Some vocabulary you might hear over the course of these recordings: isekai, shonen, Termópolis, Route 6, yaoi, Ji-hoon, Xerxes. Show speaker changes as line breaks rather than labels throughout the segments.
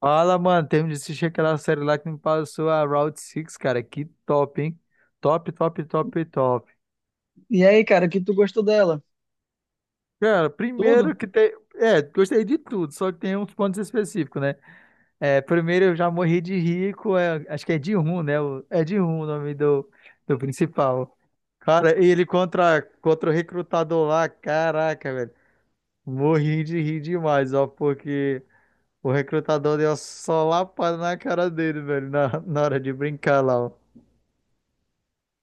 Fala, mano, termino de assistir aquela série lá que me passou a Route 6, cara. Que top, hein? Top, top, top, top.
E aí, cara, o que tu gostou dela?
Cara, primeiro
Tudo?
que tem. Gostei de tudo, só que tem uns pontos específicos, né? É, primeiro eu já morri de rico, acho que é de rum, né? É de rum o nome do principal. Cara, e ele contra o recrutador lá, caraca, velho. Morri de rir demais, ó, porque o recrutador deu só lapada na cara dele, velho, na hora de brincar lá,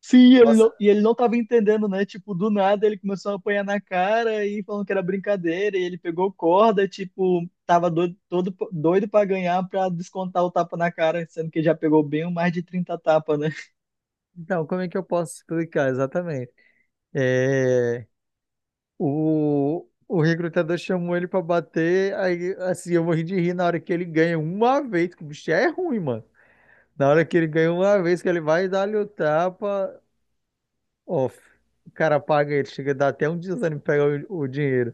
Sim,
ó.
ele não tava entendendo, né? Tipo, do nada ele começou a apanhar na cara e falando que era brincadeira, e ele pegou corda, tipo, tava doido, todo doido pra ganhar pra descontar o tapa na cara, sendo que já pegou bem mais de 30 tapas, né?
Então, como é que eu posso explicar exatamente? É, o recrutador chamou ele pra bater, aí assim, eu morri de rir na hora que ele ganha uma vez, que o bicho é ruim, mano. Na hora que ele ganha uma vez, que ele vai dar-lhe o tapa, off. O cara paga ele, chega a dar até um desânimo pra pegar o dinheiro.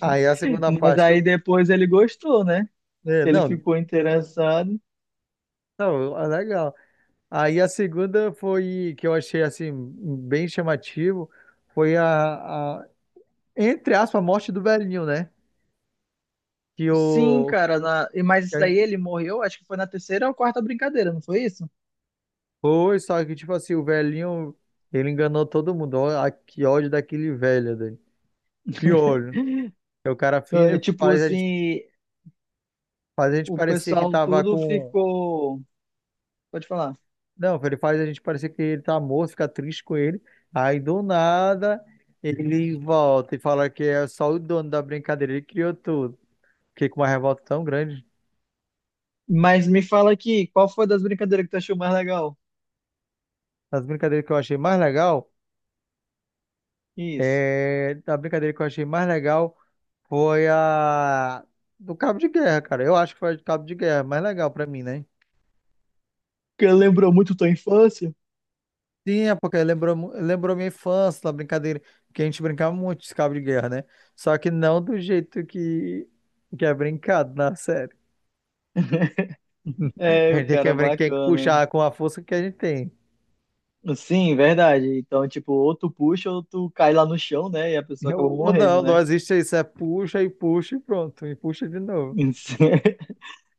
Aí a segunda
Mas
parte que
aí
eu.
depois ele gostou, né?
É,
Ele
não,
ficou interessado.
não, ah, legal. Aí a segunda foi que eu achei assim, bem chamativo, foi a entre aspas, a morte do velhinho, né? que
Sim,
o
cara, mas
que
isso daí ele morreu, acho que foi na terceira ou quarta brincadeira, não foi isso?
Foi, só que tipo assim, o velhinho, ele enganou todo mundo. Ó, que ódio daquele velho dele. Que ódio. Aí o cara
É,
finge,
tipo assim,
faz a gente
o
parecer que
pessoal
tava
tudo
com.
ficou. Pode falar.
Não, ele faz a gente parecer que ele tá morto, fica triste com ele. Aí do nada ele volta e fala que é só o dono da brincadeira, ele criou tudo. Fiquei com uma revolta tão grande.
Mas me fala aqui, qual foi das brincadeiras que tu achou mais legal?
As brincadeiras que eu achei mais legal,
Isso.
a brincadeira que eu achei mais legal. Foi a do Cabo de Guerra, cara. Eu acho que foi a do Cabo de Guerra, mais legal pra mim, né?
Que lembrou muito tua infância?
Sim, é porque lembrou, lembrou minha infância, da brincadeira, que a gente brincava muito de cabo de guerra, né? Só que não do jeito que é brincado na série. Que a
É, o
gente tem que,
cara
tem que
bacana.
puxar com a força que a gente tem.
Sim, verdade. Então, tipo, ou tu puxa ou tu cai lá no chão, né? E a pessoa acaba
Eu,
morrendo,
não, não
né?
existe isso, é puxa e puxa e pronto, e puxa de novo.
Isso. É,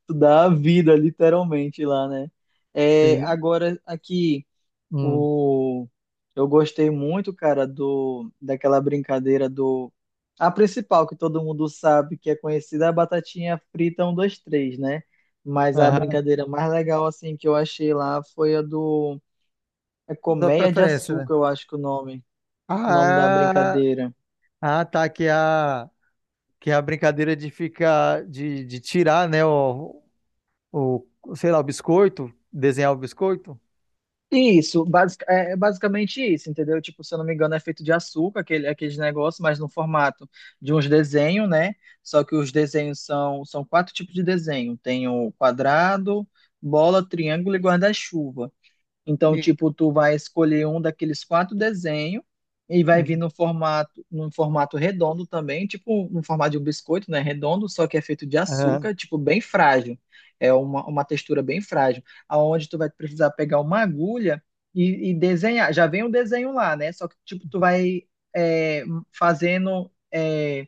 tu dá a vida, literalmente, lá, né? É,
Sim.
agora, aqui.
Hum.
O... Eu gostei muito, cara, do daquela brincadeira. Do. A principal que todo mundo sabe, que é conhecida, é a batatinha frita um 2 três, né? Mas a
Aham.
brincadeira mais legal, assim, que eu achei lá foi a do. É
Sua
Colmeia de
preferência, né?
Açúcar, eu acho que é o nome da
Ah,
brincadeira.
ah, tá aqui a. Que é a brincadeira de ficar, de tirar, né, o, sei lá, o biscoito, desenhar o biscoito.
Isso, basic, é é basicamente isso, entendeu? Tipo, se eu não me engano, é feito de açúcar, aqueles negócios, mas no formato de uns desenhos, né? Só que os desenhos são quatro tipos de desenho. Tem o quadrado, bola, triângulo e guarda-chuva. Então,
Sim.
tipo, tu vai escolher um daqueles quatro desenhos e vai vir
Uhum.
no formato, num formato redondo também, tipo no formato de um biscoito, né? Redondo, só que é feito de
Aham.
açúcar, tipo, bem frágil. É uma textura bem frágil, aonde tu vai precisar pegar uma agulha e desenhar. Já vem o desenho lá, né? Só que, tipo, tu vai é, fazendo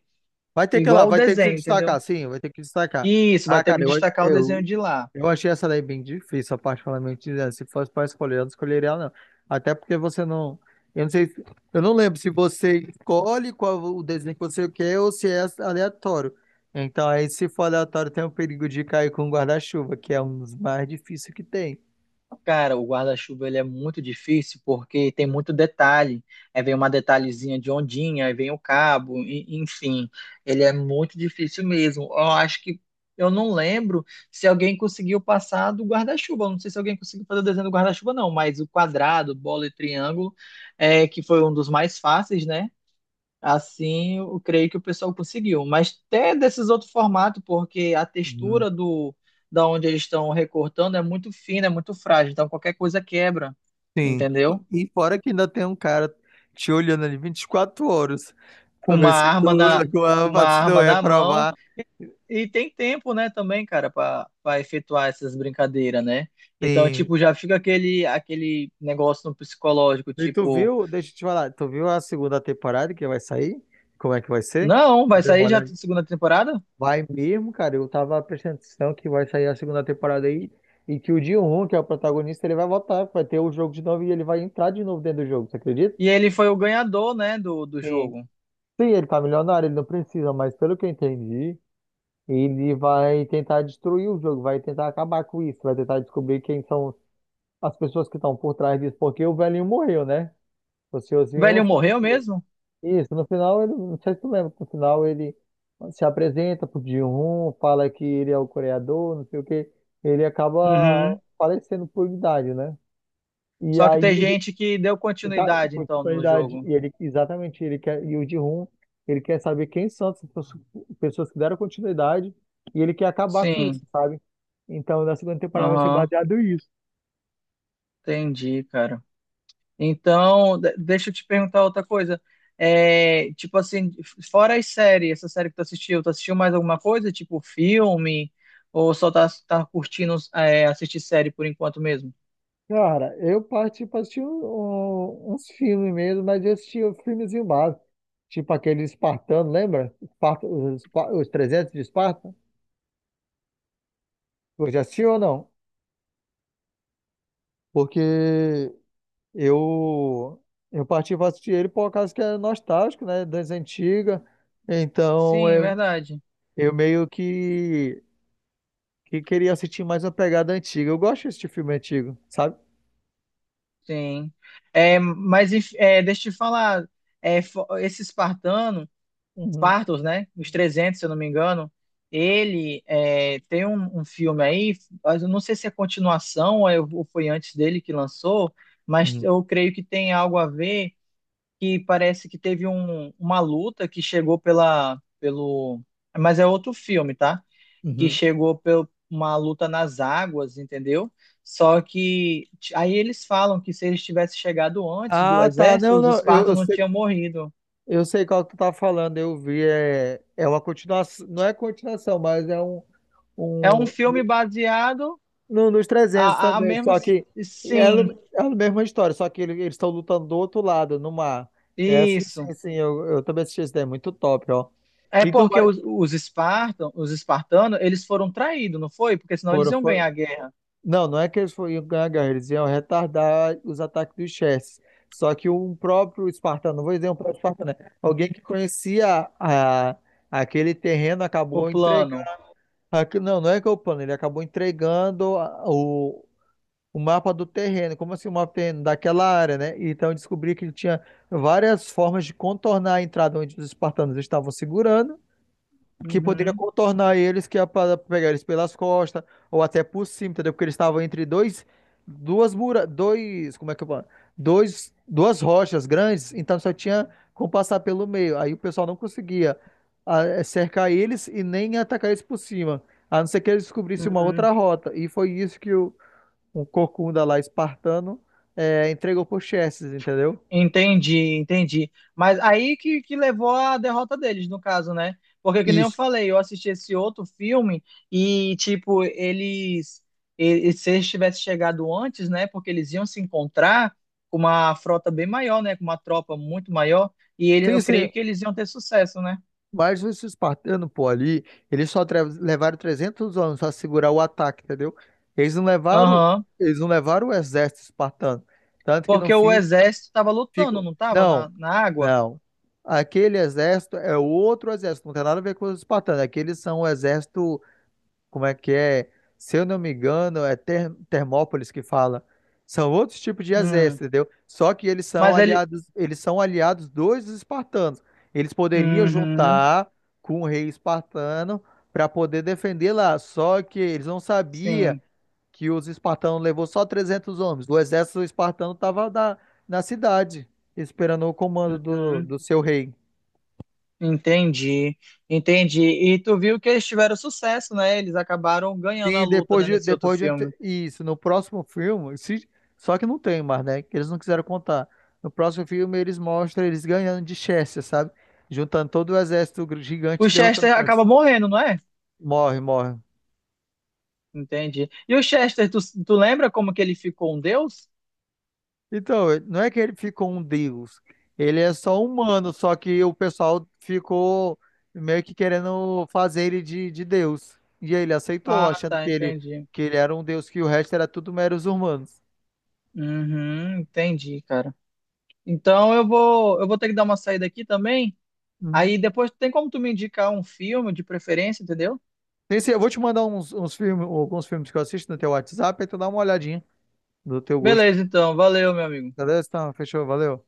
Vai ter que ir lá,
igual o
vai ter que se
desenho, entendeu?
destacar, sim, vai ter que destacar.
Isso, vai
Ah,
ter
cara,
que destacar o desenho
eu,
de lá.
eu achei essa daí bem difícil, particularmente, né? Se fosse para escolher, eu não escolheria ela, não. Até porque você não. Eu não sei, eu não lembro se você escolhe qual o desenho que você quer ou se é aleatório. Então, aí, se for aleatório, tem o perigo de cair com o guarda-chuva, que é um dos mais difíceis que tem.
Cara, o guarda-chuva ele é muito difícil porque tem muito detalhe. Aí vem uma detalhezinha de ondinha, aí vem o cabo, enfim, ele é muito difícil mesmo. Eu acho que eu não lembro se alguém conseguiu passar do guarda-chuva. Eu não sei se alguém conseguiu fazer o desenho do guarda-chuva, não, mas o quadrado, bola e triângulo, que foi um dos mais fáceis, né? Assim, eu creio que o pessoal conseguiu. Mas até desses outros formatos, porque a
Hum.
textura do da onde eles estão recortando é muito fina, é muito frágil. Então qualquer coisa quebra,
Sim.
entendeu?
E fora que ainda tem um cara te olhando ali 24 horas pra
Com uma
ver se
arma
tu,
na com uma
se tu
arma
é
na mão
aprovado.
e tem tempo, né, também, cara, para efetuar essas brincadeiras, né? Então,
Sim.
tipo, já fica aquele negócio no psicológico,
E tu
tipo.
viu, deixa eu te falar, tu viu a segunda temporada que vai sair? Como é que vai ser?
Não,
Eu
vai
dei uma
sair já a
olhada.
segunda temporada?
Vai mesmo, cara. Eu tava prestando atenção que vai sair a segunda temporada aí e que o Ji-hoon, que é o protagonista, ele vai voltar, vai ter o jogo de novo e ele vai entrar de novo dentro do jogo, você acredita?
E ele foi o ganhador, né, do
Sim.
jogo.
Sim, ele tá milionário, ele não precisa, mas pelo que eu entendi, ele vai tentar destruir o jogo, vai tentar acabar com isso, vai tentar descobrir quem são as pessoas que estão por trás disso, porque o velhinho morreu, né? O
O
senhorzinho
velho morreu
faleceu.
mesmo?
Isso, no final ele, não sei se tu lembra, no final ele se apresenta pro Ji-hoon, fala que ele é o coreador, não sei o quê, ele acaba
Uhum.
falecendo por idade, né? E
Só que
aí
tem
o
gente que deu
tá,
continuidade, então,
com a
no
idade,
jogo.
e ele exatamente, ele quer e o Ji-hoon, ele quer saber quem são as pessoas que deram continuidade e ele quer acabar com
Sim,
isso, sabe? Então, na segunda temporada vai ser
aham,
baseado nisso.
entendi, cara. Então, deixa eu te perguntar outra coisa. É, tipo assim, fora as séries, essa série que tu assistiu mais alguma coisa? Tipo filme? Ou só tá curtindo assistir série por enquanto mesmo?
Cara, eu parti pra assistir uns filmes mesmo, mas eu assisti um filmezinho básico. Tipo aquele Espartano, lembra? Esparta, os, os 300 de Esparta? Você já assistiu ou não? Porque eu, eu parti pra assistir ele por causa que é nostálgico, né? Das antigas. Então
Sim,
eu,
verdade.
eu meio que queria assistir mais uma pegada antiga. Eu gosto de assistir filme antigo, sabe?
Sim. É, deixa eu te falar, esse espartano.
Uhum,
Spartacus, né? Os 300, se eu não me engano. Tem um filme aí, mas eu não sei se é continuação ou foi antes dele que lançou, mas
uhum,
eu creio que tem algo a ver que parece que teve uma luta que chegou pelo, mas é outro filme, tá? Que
uhum.
chegou por uma luta nas águas, entendeu? Só que aí eles falam que se eles tivessem chegado antes do
Ah, tá.
exército,
Não,
os
não.
espartanos
Eu
não
sei.
tinham morrido.
Eu sei qual que tu tá falando, eu vi. É, é uma continuação, não é continuação, mas é
É um
um
filme baseado.
nos
A,
300
a a
também.
mesma,
Só que é,
sim,
é a mesma história, só que eles estão lutando do outro lado, no mar. É, sim,
isso.
sim, sim, eu também assisti esse daí, muito top, ó.
É
Então,
porque
mas,
os espartanos, eles foram traídos, não foi? Porque senão eles
foram,
iam ganhar a guerra,
não, não é que eles foram iam ganhar a guerra, eles iam retardar os ataques dos Chess. Só que um próprio espartano, não vou dizer um próprio espartano, né? Alguém que conhecia aquele terreno
o
acabou entregando.
plano.
Não, não é que eu plano, ele acabou entregando o mapa do terreno, como assim o mapa do terreno daquela área, né? Então eu descobri que ele tinha várias formas de contornar a entrada onde os espartanos estavam segurando que poderia
Uhum,
contornar eles, que ia para pegar eles pelas costas, ou até por cima, entendeu? Porque eles estavam entre dois, duas mura, dois, como é que eu falo? Dois, duas rochas grandes, então só tinha como passar pelo meio. Aí o pessoal não conseguia ah, eh, cercar eles e nem atacar eles por cima, a não ser que eles descobrissem uma
uhum.
outra rota. E foi isso que um corcunda lá espartano entregou por Xerxes, entendeu?
Entendi, entendi. Mas aí que levou à derrota deles, no caso, né? Porque, que nem eu
Isso.
falei, eu assisti esse outro filme e, tipo, eles. E se eles tivessem chegado antes, né? Porque eles iam se encontrar com uma frota bem maior, né? Com uma tropa muito maior. E ele,
Sim,
eu creio
sim.
que eles iam ter sucesso, né?
Mas os espartanos, pô, ali, eles só levaram 300 anos para segurar o ataque, entendeu? Eles não levaram,
Aham.
eles não levaram o exército espartano. Tanto que no
Porque o
fim
exército estava lutando,
ficam.
não estava
Não,
na água?
não. Aquele exército é outro exército, não tem nada a ver com os espartanos. Aqueles são o exército como é que é? Se eu não me engano, é Termópolis que fala. São outros tipos de
Hum.
exército, entendeu? Só que
Mas ele.
eles são aliados dos espartanos. Eles poderiam
Uhum.
juntar com o rei espartano para poder defender lá. Só que eles não sabiam
Sim.
que os espartanos levou só 300 homens. O exército espartano estava na cidade, esperando o comando
Uhum.
do seu rei.
Entendi, entendi. E tu viu que eles tiveram sucesso, né? Eles acabaram ganhando a
Sim,
luta, né, nesse outro
depois de
filme.
isso, no próximo filme, se- só que não tem mais, né? Que eles não quiseram contar. No próximo filme eles mostram eles ganhando de Chester, sabe? Juntando todo o exército gigante
O
e derrotando
Chester acaba
Chester.
morrendo, não é?
Morre, morre.
Entendi. E o Chester, tu lembra como que ele ficou um deus?
Então, ele- não é que ele ficou um deus. Ele é só humano, só que o pessoal ficou meio que querendo fazer ele de deus. E aí ele aceitou,
Ah,
achando
tá, entendi.
que ele era um deus, que o resto era tudo meros humanos.
Uhum, entendi, cara. Então eu vou ter que dar uma saída aqui também. Aí depois tem como tu me indicar um filme de preferência, entendeu?
Sim, sim, eu vou te mandar uns filmes, alguns filmes que eu assisto no teu WhatsApp, aí tu dá uma olhadinha do teu gosto.
Beleza, então. Valeu, meu amigo.
Beleza? Então, fechou, valeu.